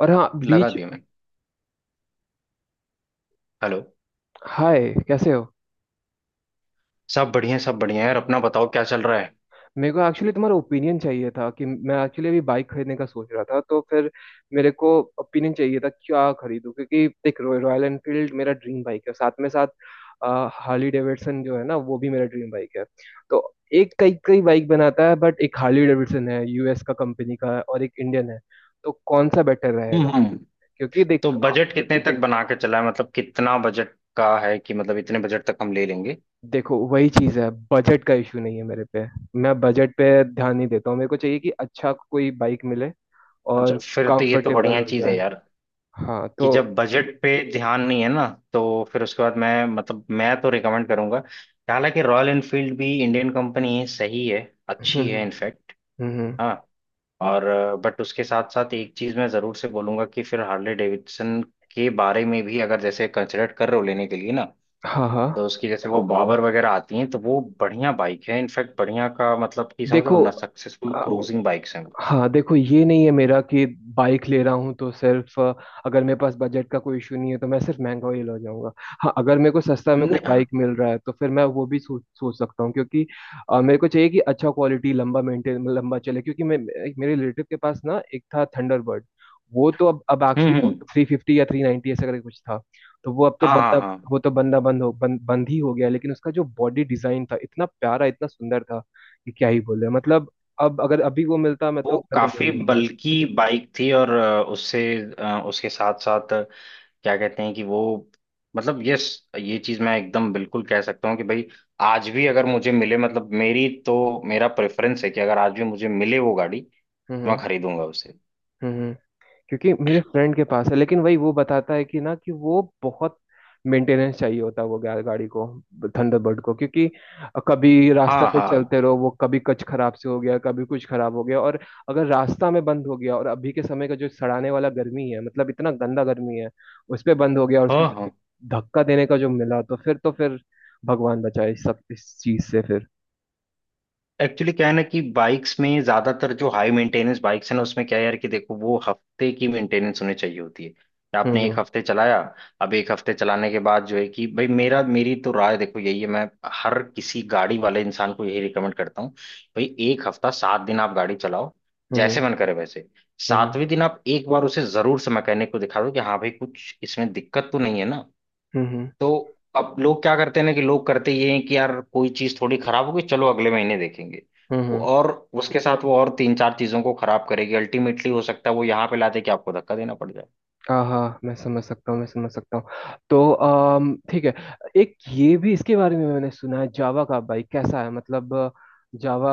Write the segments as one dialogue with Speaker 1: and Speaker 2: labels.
Speaker 1: और हाँ
Speaker 2: लगा
Speaker 1: बीच।
Speaker 2: दिया मैंने। हेलो।
Speaker 1: हाय, कैसे हो?
Speaker 2: सब बढ़िया है यार, अपना बताओ क्या चल रहा है।
Speaker 1: मेरे को एक्चुअली तुम्हारा ओपिनियन चाहिए था कि मैं एक्चुअली अभी बाइक खरीदने का सोच रहा था, तो फिर मेरे को ओपिनियन चाहिए था क्या खरीदूं, क्योंकि देख, रॉयल एनफील्ड मेरा ड्रीम बाइक है। साथ में साथ हार्ली डेविडसन जो है ना, वो भी मेरा ड्रीम बाइक है। तो एक कई कई बाइक बनाता है, बट एक हार्ली डेविडसन है, यूएस का कंपनी का है, और एक इंडियन है। तो कौन सा बेटर
Speaker 2: हम्म
Speaker 1: रहेगा?
Speaker 2: हम्म।
Speaker 1: क्योंकि देख
Speaker 2: तो बजट कितने तक बना के चला है, मतलब कितना बजट का है, कि मतलब इतने बजट तक हम ले लेंगे।
Speaker 1: देखो वही चीज है, बजट का इशू नहीं है मेरे पे। मैं बजट पे ध्यान नहीं देता हूँ। मेरे को चाहिए कि अच्छा कोई बाइक मिले
Speaker 2: अच्छा,
Speaker 1: और
Speaker 2: फिर तो ये तो
Speaker 1: कंफर्टेबल
Speaker 2: बढ़िया
Speaker 1: हो
Speaker 2: चीज है
Speaker 1: जाए।
Speaker 2: यार।
Speaker 1: हाँ
Speaker 2: कि
Speaker 1: तो।
Speaker 2: जब बजट पे ध्यान नहीं है ना तो फिर उसके बाद मैं, मतलब मैं तो रिकमेंड करूंगा कि हालांकि रॉयल एनफील्ड भी इंडियन कंपनी है, सही है,
Speaker 1: हम्म।
Speaker 2: अच्छी है
Speaker 1: हम्म।
Speaker 2: इनफैक्ट।
Speaker 1: हम्म।
Speaker 2: हाँ। और बट उसके साथ साथ एक चीज मैं जरूर से बोलूंगा कि फिर हार्ले डेविडसन के बारे में भी अगर जैसे कंसिडर कर रहे हो लेने के लिए ना,
Speaker 1: हाँ, हाँ।
Speaker 2: तो उसकी जैसे वो बाबर वगैरह आती हैं तो वो बढ़िया बाइक है, इनफैक्ट बढ़िया का मतलब कि समझ रहे
Speaker 1: देखो,
Speaker 2: हो ना, सक्सेसफुल क्रूजिंग बाइक्स हैं वो।
Speaker 1: हाँ देखो, ये नहीं है मेरा कि बाइक ले रहा हूँ तो सिर्फ अगर मेरे पास बजट का कोई इशू नहीं है तो मैं सिर्फ महंगा ही ले जाऊंगा। हाँ, अगर मेरे को सस्ता में कोई
Speaker 2: नहीं।
Speaker 1: बाइक मिल रहा है तो फिर मैं वो भी सोच सोच सकता हूँ, क्योंकि मेरे को चाहिए कि अच्छा क्वालिटी लंबा मेंटेन लंबा चले, क्योंकि मैं... मेरे रिलेटिव के पास ना एक था थंडरबर्ड। वो तो अब एक्चुअली
Speaker 2: हम्म।
Speaker 1: 350 या 390 ऐसा करके कुछ था। तो
Speaker 2: हाँ हाँ हाँ।
Speaker 1: वो तो बंदा बंद बंद ही हो गया, लेकिन उसका जो बॉडी डिजाइन था इतना प्यारा, इतना सुंदर था कि क्या ही बोले मतलब। अब अगर अभी वो मिलता, मैं तो
Speaker 2: वो
Speaker 1: मैं तो ले
Speaker 2: काफी
Speaker 1: लेता।
Speaker 2: बल्की बाइक थी और उससे उसके साथ साथ क्या कहते हैं कि वो, मतलब, यस, ये चीज मैं एकदम बिल्कुल कह सकता हूँ कि भाई आज भी अगर मुझे मिले, मतलब मेरी तो मेरा प्रेफरेंस है कि अगर आज भी मुझे मिले वो गाड़ी, तो
Speaker 1: हम्म। हम्म।
Speaker 2: मैं खरीदूंगा उसे।
Speaker 1: हम्म। क्योंकि मेरे फ्रेंड के पास है, लेकिन वही वो बताता है कि ना कि वो बहुत मेंटेनेंस चाहिए होता है, वो गाड़ी को, थंडरबर्ड को, क्योंकि कभी रास्ता
Speaker 2: हाँ
Speaker 1: पे
Speaker 2: हाँ
Speaker 1: चलते रहो वो कभी कुछ खराब से हो गया, कभी कुछ खराब हो गया। और अगर रास्ता में बंद हो गया, और अभी के समय का जो सड़ाने वाला गर्मी है, मतलब इतना गंदा गर्मी है, उस पे बंद हो गया, और उसके
Speaker 2: हाँ। हाँ,
Speaker 1: बाद धक्का देने का जो मिला, तो फिर भगवान बचाए इस सब इस चीज से फिर।
Speaker 2: एक्चुअली क्या है ना कि बाइक्स में ज्यादातर जो हाई मेंटेनेंस बाइक्स है ना, उसमें क्या है यार कि देखो, वो हफ्ते की मेंटेनेंस होनी चाहिए होती है कि
Speaker 1: हम्म।
Speaker 2: आपने
Speaker 1: हम्म।
Speaker 2: एक हफ्ते चलाया, अब एक हफ्ते चलाने के बाद जो है कि भाई मेरा, मेरी तो राय देखो यही है। मैं हर किसी गाड़ी वाले इंसान को यही रिकमेंड करता हूँ, भाई एक हफ्ता सात दिन आप गाड़ी चलाओ, जैसे
Speaker 1: हम्म।
Speaker 2: मन करे वैसे।
Speaker 1: हम्म। हम्म।
Speaker 2: सातवें दिन आप एक बार उसे जरूर से मैकेनिक को दिखा दो कि हाँ भाई कुछ इसमें दिक्कत तो नहीं है ना। तो अब लोग क्या करते हैं ना कि लोग करते ये हैं कि यार कोई चीज थोड़ी खराब होगी चलो अगले महीने देखेंगे,
Speaker 1: हम्म। हम्म।
Speaker 2: वो और उसके साथ वो और तीन चार चीजों को खराब करेगी, अल्टीमेटली हो सकता है वो यहाँ पे लाते कि आपको धक्का देना पड़ जाए।
Speaker 1: हाँ, हाँ, मैं समझ सकता हूँ, मैं समझ सकता हूँ। तो ठीक है। एक ये भी इसके बारे में मैंने सुना है जावा का, भाई कैसा है, मतलब? जावा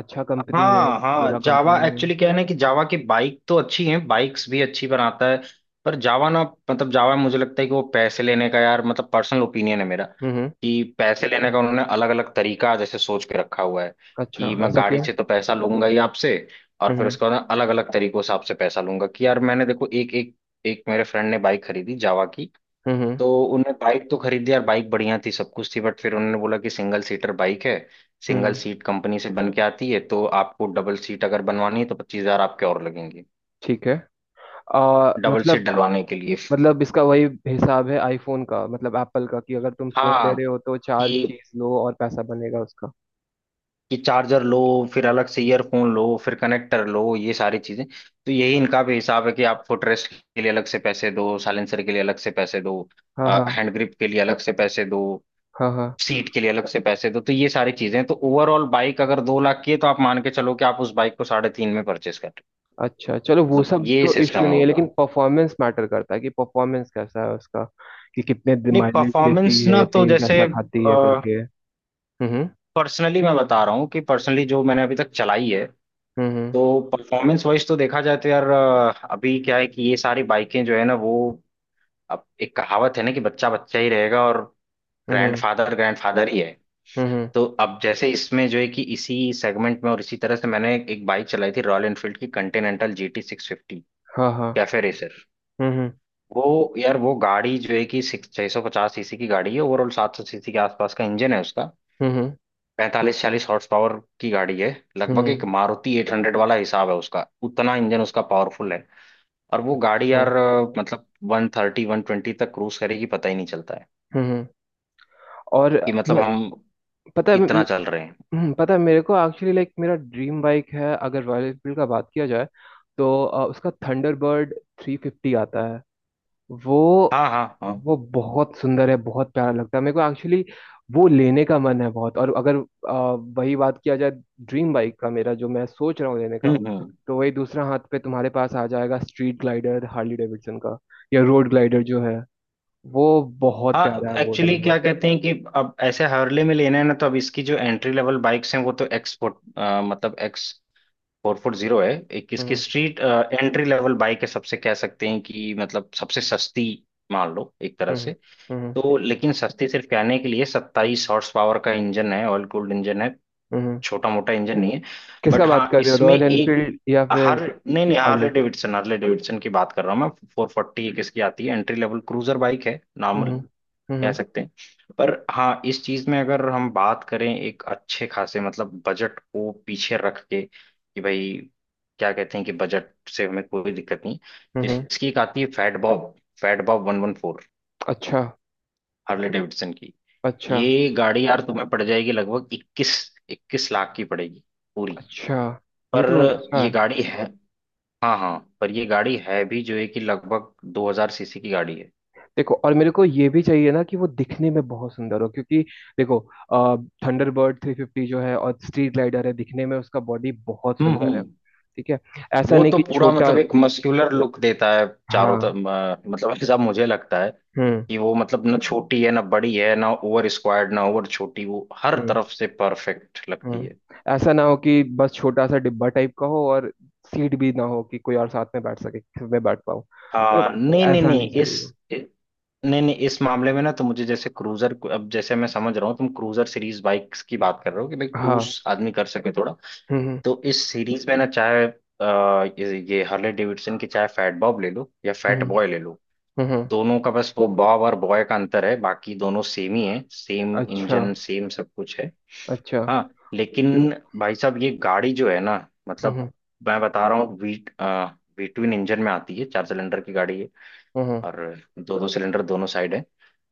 Speaker 1: अच्छा कंपनी है,
Speaker 2: हाँ हाँ,
Speaker 1: बुरा
Speaker 2: जावा
Speaker 1: कंपनी है?
Speaker 2: एक्चुअली क्या है ना कि जावा की बाइक तो अच्छी है, बाइक्स भी अच्छी बनाता है पर जावा ना, मतलब जावा मुझे लगता है कि वो पैसे लेने का यार, मतलब पर्सनल ओपिनियन है मेरा,
Speaker 1: हम्म, हम्म।
Speaker 2: कि पैसे लेने का उन्होंने अलग अलग तरीका जैसे सोच के रखा हुआ है
Speaker 1: अच्छा,
Speaker 2: कि मैं
Speaker 1: ऐसा
Speaker 2: गाड़ी
Speaker 1: क्यों?
Speaker 2: से तो पैसा लूंगा ही आपसे, और फिर
Speaker 1: हम्म।
Speaker 2: उसके बाद अलग अलग तरीकों से आपसे पैसा लूंगा कि यार मैंने देखो एक एक एक मेरे फ्रेंड ने बाइक खरीदी जावा की।
Speaker 1: हम्म। हम्म,
Speaker 2: तो उन्होंने बाइक तो खरीदी यार, बाइक बढ़िया थी सब कुछ थी बट फिर उन्होंने बोला कि सिंगल सीटर बाइक है, सिंगल
Speaker 1: हम्म।
Speaker 2: सीट कंपनी से बन के आती है, तो आपको डबल सीट अगर बनवानी है तो 25 हजार आपके और लगेंगे
Speaker 1: ठीक है। आ,
Speaker 2: डबल सीट
Speaker 1: मतलब
Speaker 2: डलवाने के लिए।
Speaker 1: मतलब इसका वही हिसाब है आईफोन का, मतलब एप्पल का, कि अगर तुम फोन ले
Speaker 2: हाँ।
Speaker 1: रहे हो तो चार
Speaker 2: कि
Speaker 1: चीज लो और पैसा बनेगा उसका।
Speaker 2: कि चार्जर लो, फिर अलग से ईयरफोन लो, फिर कनेक्टर लो, ये सारी चीजें, तो यही इनका भी हिसाब है कि आप फुटरेस्ट के लिए अलग से पैसे दो, साइलेंसर के लिए अलग से पैसे दो,
Speaker 1: हाँ, हाँ।
Speaker 2: हैंड ग्रिप के लिए अलग से पैसे दो,
Speaker 1: हाँ, हाँ।
Speaker 2: सीट के लिए अलग से पैसे दो, तो ये सारी चीजें, तो ओवरऑल बाइक अगर 2 लाख की है तो आप मान के चलो कि आप उस बाइक को साढ़े तीन में परचेस कर रहे
Speaker 1: अच्छा, चलो,
Speaker 2: हो।
Speaker 1: वो
Speaker 2: मतलब
Speaker 1: सब
Speaker 2: ये
Speaker 1: तो
Speaker 2: सिस्टम
Speaker 1: इश्यू
Speaker 2: है
Speaker 1: नहीं है, लेकिन
Speaker 2: उनका।
Speaker 1: परफॉर्मेंस मैटर करता है, कि परफॉर्मेंस कैसा है उसका, कि कितने
Speaker 2: नहीं
Speaker 1: माइलेज
Speaker 2: परफॉर्मेंस
Speaker 1: देती
Speaker 2: ना,
Speaker 1: है,
Speaker 2: तो
Speaker 1: तेल
Speaker 2: जैसे
Speaker 1: कैसा खाती है, करके। हम्म।
Speaker 2: पर्सनली मैं बता रहा हूँ कि पर्सनली जो मैंने अभी तक चलाई है,
Speaker 1: हम्म। हम्म।
Speaker 2: तो परफॉर्मेंस वाइज तो देखा जाए तो यार, अभी क्या है कि ये सारी बाइकें जो है ना वो, अब एक कहावत है ना कि बच्चा बच्चा ही रहेगा और
Speaker 1: हम्म।
Speaker 2: ग्रैंड फादर ही है।
Speaker 1: हम्म। हम्म।
Speaker 2: तो अब जैसे इसमें जो है कि इसी सेगमेंट में और इसी तरह से मैंने एक बाइक चलाई थी रॉयल एनफील्ड की, कंटिनेंटल जी टी 650
Speaker 1: हाँ, हाँ।
Speaker 2: Cafe racer.
Speaker 1: हम्म। हम्म।
Speaker 2: वो यार वो गाड़ी जो है कि सिक्स 650 सीसी की गाड़ी है, ओवरऑल 700 सीसी के आसपास का इंजन है उसका,
Speaker 1: हम्म।
Speaker 2: 45 40 हॉर्स पावर की गाड़ी है,
Speaker 1: हम्म।
Speaker 2: लगभग
Speaker 1: हम्म।
Speaker 2: एक मारुति 800 वाला हिसाब है उसका, उतना इंजन उसका पावरफुल है और वो गाड़ी
Speaker 1: अच्छा।
Speaker 2: यार, मतलब 130 120 तक क्रूज करेगी, पता ही नहीं चलता है
Speaker 1: हम्म, हम्म। और
Speaker 2: कि मतलब
Speaker 1: मैं...
Speaker 2: हम
Speaker 1: पता है
Speaker 2: इतना चल रहे हैं।
Speaker 1: पता है, मेरे को एक्चुअली, लाइक, मेरा ड्रीम बाइक है, अगर रॉयल एनफील्ड का बात किया जाए। तो उसका थंडरबर्ड 350 आता है वो।
Speaker 2: हाँ हाँ हाँ।
Speaker 1: वो बहुत सुंदर है, बहुत प्यारा लगता है मेरे को एक्चुअली। वो लेने का मन है बहुत। और अगर वही बात किया जाए, ड्रीम बाइक का मेरा जो मैं सोच रहा हूँ लेने का,
Speaker 2: हम्म।
Speaker 1: तो वही दूसरा हाथ पे तुम्हारे पास आ जाएगा स्ट्रीट ग्लाइडर हार्ली डेविडसन का, या रोड ग्लाइडर जो है, वो बहुत
Speaker 2: हाँ,
Speaker 1: प्यारा है, वो
Speaker 2: एक्चुअली
Speaker 1: दोनों।
Speaker 2: क्या कहते हैं कि अब ऐसे हार्ले में लेना है ना, तो अब इसकी जो एंट्री लेवल बाइक्स हैं वो तो एक्स, मतलब एक्स 440 है, एक इसकी
Speaker 1: हम्म।
Speaker 2: स्ट्रीट एंट्री लेवल बाइक है, सबसे कह सकते हैं कि मतलब सबसे सस्ती, मान लो एक तरह
Speaker 1: हम्म।
Speaker 2: से।
Speaker 1: हम्म।
Speaker 2: तो लेकिन सस्ती सिर्फ कहने के लिए, 27 हॉर्स पावर का इंजन है, ऑयल कूल्ड इंजन है,
Speaker 1: हम्म।
Speaker 2: छोटा मोटा इंजन नहीं है।
Speaker 1: किसका
Speaker 2: बट
Speaker 1: बात
Speaker 2: हाँ
Speaker 1: कर रहे हो,
Speaker 2: इसमें
Speaker 1: रॉयल
Speaker 2: एक
Speaker 1: एनफील्ड या फिर
Speaker 2: हर, नहीं नहीं Harley
Speaker 1: Harley?
Speaker 2: Davidson Harley Davidson की बात कर रहा हूँ मैं। 440 एक इसकी आती है एंट्री लेवल क्रूजर बाइक है, नॉर्मल
Speaker 1: हम्म।
Speaker 2: कह
Speaker 1: हम्म।
Speaker 2: सकते हैं। पर हाँ इस चीज में अगर हम बात करें एक अच्छे खासे, मतलब बजट को पीछे रख के कि भाई क्या कहते हैं कि बजट से हमें कोई दिक्कत नहीं, तो
Speaker 1: हम्म।
Speaker 2: इसकी एक आती है फैट बॉब, फैट बॉब 114
Speaker 1: अच्छा।
Speaker 2: हार्ले डेविडसन की।
Speaker 1: अच्छा।
Speaker 2: ये गाड़ी यार तुम्हें पड़ जाएगी लगभग इक्कीस इक्कीस लाख की पड़ेगी पूरी।
Speaker 1: अच्छा, ये
Speaker 2: पर
Speaker 1: तो अच्छा
Speaker 2: ये
Speaker 1: है।
Speaker 2: गाड़ी है, हाँ हाँ, पर ये गाड़ी है भी जो है कि लगभग 2000 सीसी की गाड़ी है।
Speaker 1: देखो, और मेरे को ये भी चाहिए ना कि वो दिखने में बहुत सुंदर हो, क्योंकि देखो, थंडरबर्ड 350 जो है और स्ट्रीट ग्लाइडर है, दिखने में उसका बॉडी बहुत सुंदर है।
Speaker 2: हम्म।
Speaker 1: ठीक है, ऐसा
Speaker 2: वो
Speaker 1: नहीं
Speaker 2: तो
Speaker 1: कि
Speaker 2: पूरा
Speaker 1: छोटा।
Speaker 2: मतलब एक मस्कुलर लुक देता है चारों तरफ,
Speaker 1: हाँ।
Speaker 2: मतलब ऐसा मुझे लगता है
Speaker 1: हम्म।
Speaker 2: कि वो, मतलब ना छोटी है ना बड़ी है, ना ओवर स्क्वायर्ड ना ओवर छोटी, वो हर
Speaker 1: हम्म।
Speaker 2: तरफ से परफेक्ट लगती
Speaker 1: हम्म।
Speaker 2: है।
Speaker 1: ऐसा ना हो कि बस छोटा सा डिब्बा टाइप का हो, और सीट भी ना हो कि कोई और साथ में बैठ सके, कि मैं बैठ पाऊँ। तो
Speaker 2: हाँ, नहीं नहीं
Speaker 1: ऐसा नहीं
Speaker 2: नहीं,
Speaker 1: चाहिए हो।
Speaker 2: इ- नहीं नहीं इस मामले में ना, तो मुझे जैसे क्रूजर, अब जैसे मैं समझ रहा हूँ तुम क्रूजर सीरीज बाइक्स की बात कर रहे हो कि भाई क्रूज
Speaker 1: हाँ।
Speaker 2: आदमी कर सके थोड़ा,
Speaker 1: हम्म।
Speaker 2: तो इस सीरीज में ना, चाहे ये हार्ले डेविडसन की चाहे फैट बॉब ले लो या
Speaker 1: हम्म।
Speaker 2: फैट
Speaker 1: हम्म।
Speaker 2: बॉय ले लो,
Speaker 1: हम्म। हम्म।
Speaker 2: दोनों का बस वो बॉब और बॉय का अंतर है, बाकी दोनों सेम ही है, सेम
Speaker 1: अच्छा।
Speaker 2: इंजन सेम सब कुछ है।
Speaker 1: अच्छा।
Speaker 2: हाँ, लेकिन भाई साहब ये गाड़ी जो है ना,
Speaker 1: हम्म।
Speaker 2: मतलब
Speaker 1: हम्म।
Speaker 2: मैं बता रहा हूँ, वी वी ट्विन इंजन में आती है, चार सिलेंडर की गाड़ी है
Speaker 1: हम्म।
Speaker 2: और दो दो सिलेंडर दोनों साइड है,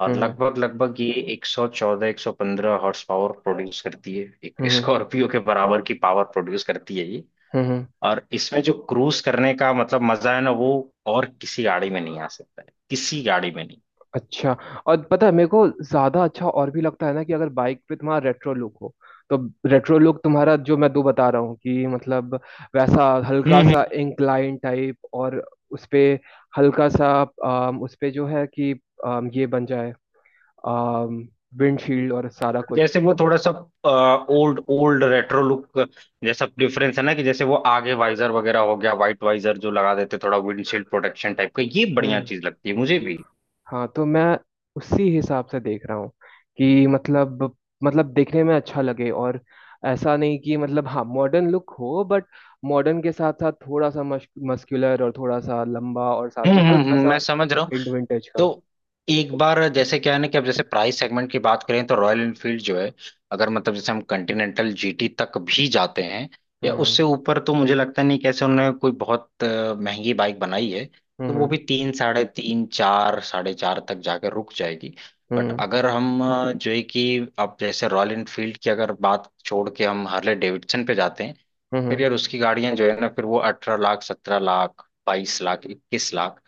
Speaker 2: और
Speaker 1: हम्म।
Speaker 2: लगभग लगभग ये 114 115 हॉर्स पावर प्रोड्यूस करती है, एक
Speaker 1: हम्म।
Speaker 2: स्कॉर्पियो के बराबर की पावर प्रोड्यूस करती है ये,
Speaker 1: हम्म। हम्म।
Speaker 2: और इसमें जो क्रूज करने का मतलब मजा है ना, वो और किसी गाड़ी में नहीं आ सकता है, किसी गाड़ी में नहीं।
Speaker 1: अच्छा, और पता है, मेरे को ज्यादा अच्छा और भी लगता है ना कि अगर बाइक पे तुम्हारा रेट्रो लुक हो, तो रेट्रो लुक तुम्हारा जो मैं दो बता रहा हूँ, कि मतलब, वैसा हल्का
Speaker 2: हम्म।
Speaker 1: सा इंक्लाइन टाइप और उस पे हल्का सा उस पे जो है कि ये बन जाए विंडशील्ड और सारा कुछ।
Speaker 2: जैसे वो थोड़ा सा ओल्ड ओल्ड रेट्रो लुक, जैसा डिफरेंस है ना कि जैसे वो आगे वाइजर वगैरह हो गया, वाइट वाइजर जो लगा देते थोड़ा विंडशील्ड प्रोटेक्शन टाइप का, ये बढ़िया
Speaker 1: हम्म।
Speaker 2: चीज लगती है मुझे भी।
Speaker 1: हाँ, तो मैं उसी हिसाब से देख रहा हूँ, कि मतलब देखने में अच्छा लगे, और ऐसा नहीं कि मतलब हाँ मॉडर्न लुक हो, बट मॉडर्न के साथ साथ थोड़ा सा मस्कुलर और थोड़ा सा लंबा और साथ में हल्का
Speaker 2: मैं
Speaker 1: सा
Speaker 2: समझ रहा हूँ।
Speaker 1: हिंट विंटेज का।
Speaker 2: तो एक बार जैसे क्या है ना कि अब जैसे प्राइस सेगमेंट की बात करें तो रॉयल एनफील्ड जो है, अगर मतलब जैसे हम कंटिनेंटल जीटी तक भी जाते हैं या उससे
Speaker 1: हम्म।
Speaker 2: ऊपर, तो मुझे लगता नहीं कैसे उन्होंने कोई बहुत महंगी बाइक बनाई है,
Speaker 1: हम्म।
Speaker 2: तो वो भी
Speaker 1: हम्म।
Speaker 2: तीन साढ़े तीन चार साढ़े चार तक जाकर रुक जाएगी। बट
Speaker 1: हम्म।
Speaker 2: अगर हम जो है कि अब जैसे रॉयल एनफील्ड की अगर बात छोड़ के हम हार्ले डेविडसन पे जाते हैं, फिर
Speaker 1: हम्म।
Speaker 2: यार उसकी गाड़ियां जो है ना, फिर वो 18 लाख 17 लाख 22 लाख 21 लाख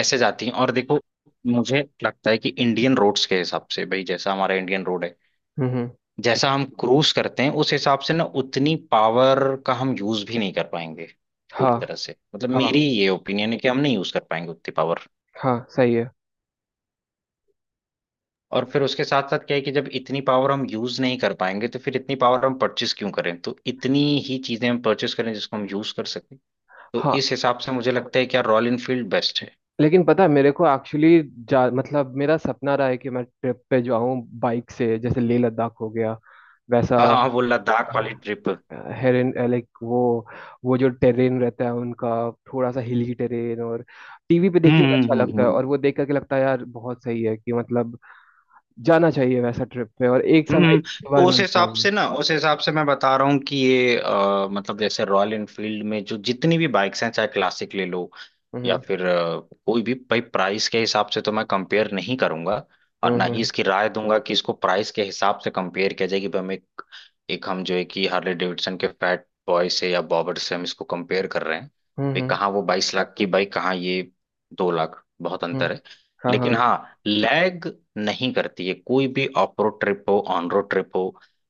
Speaker 2: ऐसे जाती हैं, और देखो मुझे लगता है कि इंडियन रोड्स के हिसाब से, भाई जैसा हमारा इंडियन रोड है,
Speaker 1: हम्म। हम्म।
Speaker 2: जैसा हम क्रूज करते हैं उस हिसाब से ना उतनी पावर का हम यूज भी नहीं कर पाएंगे
Speaker 1: हाँ।
Speaker 2: पूरी तरह से, मतलब
Speaker 1: हाँ,
Speaker 2: मेरी ये ओपिनियन है कि हम नहीं यूज कर पाएंगे उतनी पावर।
Speaker 1: हाँ सही है।
Speaker 2: और फिर उसके साथ साथ क्या है कि जब इतनी पावर हम यूज नहीं कर पाएंगे तो फिर इतनी पावर हम परचेस क्यों करें, तो इतनी ही चीजें हम परचेस करें जिसको हम यूज कर सकें। तो
Speaker 1: हाँ,
Speaker 2: इस हिसाब से मुझे लगता है कि यार रॉयल इनफील्ड बेस्ट है।
Speaker 1: लेकिन पता है मेरे को एक्चुअली, जा मतलब मेरा सपना रहा है कि मैं ट्रिप पे जाऊँ बाइक से, जैसे लेह लद्दाख हो गया, वैसा।
Speaker 2: हाँ हाँ, वो लद्दाख वाली ट्रिप।
Speaker 1: हेरेन, लाइक, वो जो टेरेन रहता है उनका, थोड़ा सा हिली टेरेन, और टीवी पे देखने
Speaker 2: हम्म
Speaker 1: में अच्छा
Speaker 2: हम्म
Speaker 1: लगता
Speaker 2: हम्म
Speaker 1: है,
Speaker 2: हम्म।
Speaker 1: और वो देख करके लगता है, यार बहुत सही है, कि मतलब जाना चाहिए वैसा ट्रिप पे। और एक समय
Speaker 2: हम्म,
Speaker 1: एक ही बार
Speaker 2: उस
Speaker 1: मिलता है
Speaker 2: हिसाब
Speaker 1: वो।
Speaker 2: से ना, उस हिसाब से मैं बता रहा हूँ कि ये मतलब जैसे रॉयल एनफील्ड में जो जितनी भी बाइक्स हैं, चाहे क्लासिक ले लो या
Speaker 1: हम्म।
Speaker 2: फिर कोई भी, भाई प्राइस के हिसाब से तो मैं कंपेयर नहीं करूंगा और
Speaker 1: हम्म।
Speaker 2: ना ही
Speaker 1: हम्म।
Speaker 2: इसकी राय दूंगा कि इसको प्राइस के हिसाब से कंपेयर किया जाए कि भाई हम एक एक हम जो है कि हार्ले डेविडसन के फैट बॉय से या बॉबर से हम इसको कंपेयर कर रहे हैं, भाई
Speaker 1: हम्म।
Speaker 2: कहाँ वो 22 लाख की बाइक, कहाँ ये 2 लाख, बहुत
Speaker 1: हम्म।
Speaker 2: अंतर है।
Speaker 1: हाँ,
Speaker 2: लेकिन
Speaker 1: हाँ।
Speaker 2: हाँ लैग नहीं करती है, कोई भी ऑफ रोड ट्रिप हो ऑन रोड ट्रिप हो,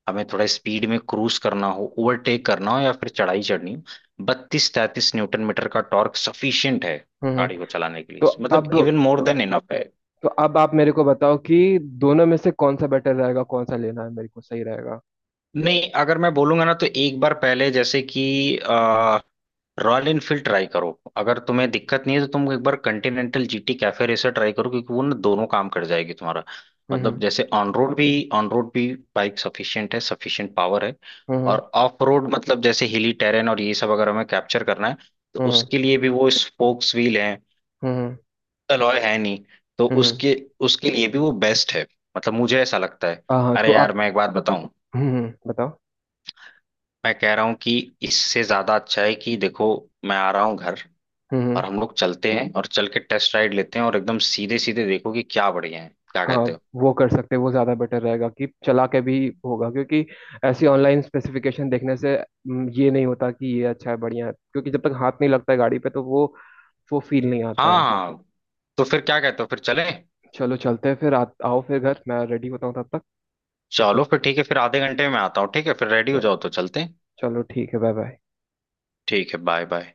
Speaker 2: हमें थोड़ा स्पीड में क्रूज करना हो, ओवरटेक करना हो या फिर चढ़ाई चढ़नी हो, 32 33 न्यूटन मीटर का टॉर्क सफिशियंट है
Speaker 1: हम्म।
Speaker 2: गाड़ी
Speaker 1: हम्म।
Speaker 2: को चलाने के
Speaker 1: तो
Speaker 2: लिए, मतलब
Speaker 1: अब
Speaker 2: इवन मोर देन इनफ है।
Speaker 1: तो अब आप मेरे को बताओ कि दोनों में से कौन सा बेटर रहेगा, कौन सा लेना है मेरे को सही रहेगा?
Speaker 2: नहीं, अगर मैं बोलूंगा ना तो एक बार पहले जैसे कि रॉयल इनफील्ड ट्राई करो, अगर तुम्हें दिक्कत नहीं है तो तुम एक बार Continental GT cafe racer try करो क्योंकि वो ना दोनों काम कर जाएगी तुम्हारा,
Speaker 1: हम्म। हम्म।
Speaker 2: मतलब जैसे ऑन रोड भी बाइक सफिशिएंट है, सफिशिएंट पावर है,
Speaker 1: हम्म।
Speaker 2: और ऑफ रोड मतलब जैसे हिली टेरेन और ये सब अगर हमें कैप्चर करना है, तो
Speaker 1: हम्म।
Speaker 2: उसके लिए भी वो स्पोक्स व्हील है,
Speaker 1: हम्म।
Speaker 2: अलॉय है नहीं, तो
Speaker 1: हम्म। हम्म।
Speaker 2: उसके उसके लिए भी वो बेस्ट है, मतलब मुझे ऐसा लगता है।
Speaker 1: हाँ, हाँ, तो
Speaker 2: अरे यार
Speaker 1: आप...
Speaker 2: मैं एक बात बताऊं,
Speaker 1: हम्म, बताओ।
Speaker 2: मैं कह रहा हूँ कि इससे ज्यादा अच्छा है कि देखो मैं आ रहा हूँ घर
Speaker 1: हम्म। हम्म।
Speaker 2: और हम लोग चलते हैं और चल के टेस्ट राइड लेते हैं और एकदम सीधे सीधे देखो कि क्या बढ़िया है, क्या
Speaker 1: हाँ,
Speaker 2: कहते हो।
Speaker 1: वो कर सकते हैं, वो ज़्यादा बेटर रहेगा कि चला के भी होगा, क्योंकि ऐसी ऑनलाइन स्पेसिफिकेशन देखने से ये नहीं होता कि ये अच्छा है, बढ़िया है, क्योंकि जब तक हाथ नहीं लगता है गाड़ी पे, तो वो फील नहीं आता
Speaker 2: हाँ
Speaker 1: है।
Speaker 2: हाँ, तो फिर क्या कहते हो, फिर चलें।
Speaker 1: चलो चलते हैं फिर, आओ फिर घर, मैं रेडी होता हूँ तब
Speaker 2: चलो फिर ठीक है, फिर आधे घंटे में आता हूँ, ठीक है फिर रेडी हो
Speaker 1: तक।
Speaker 2: जाओ तो चलते हैं।
Speaker 1: चलो ठीक है, बाय बाय।
Speaker 2: ठीक है बाय बाय।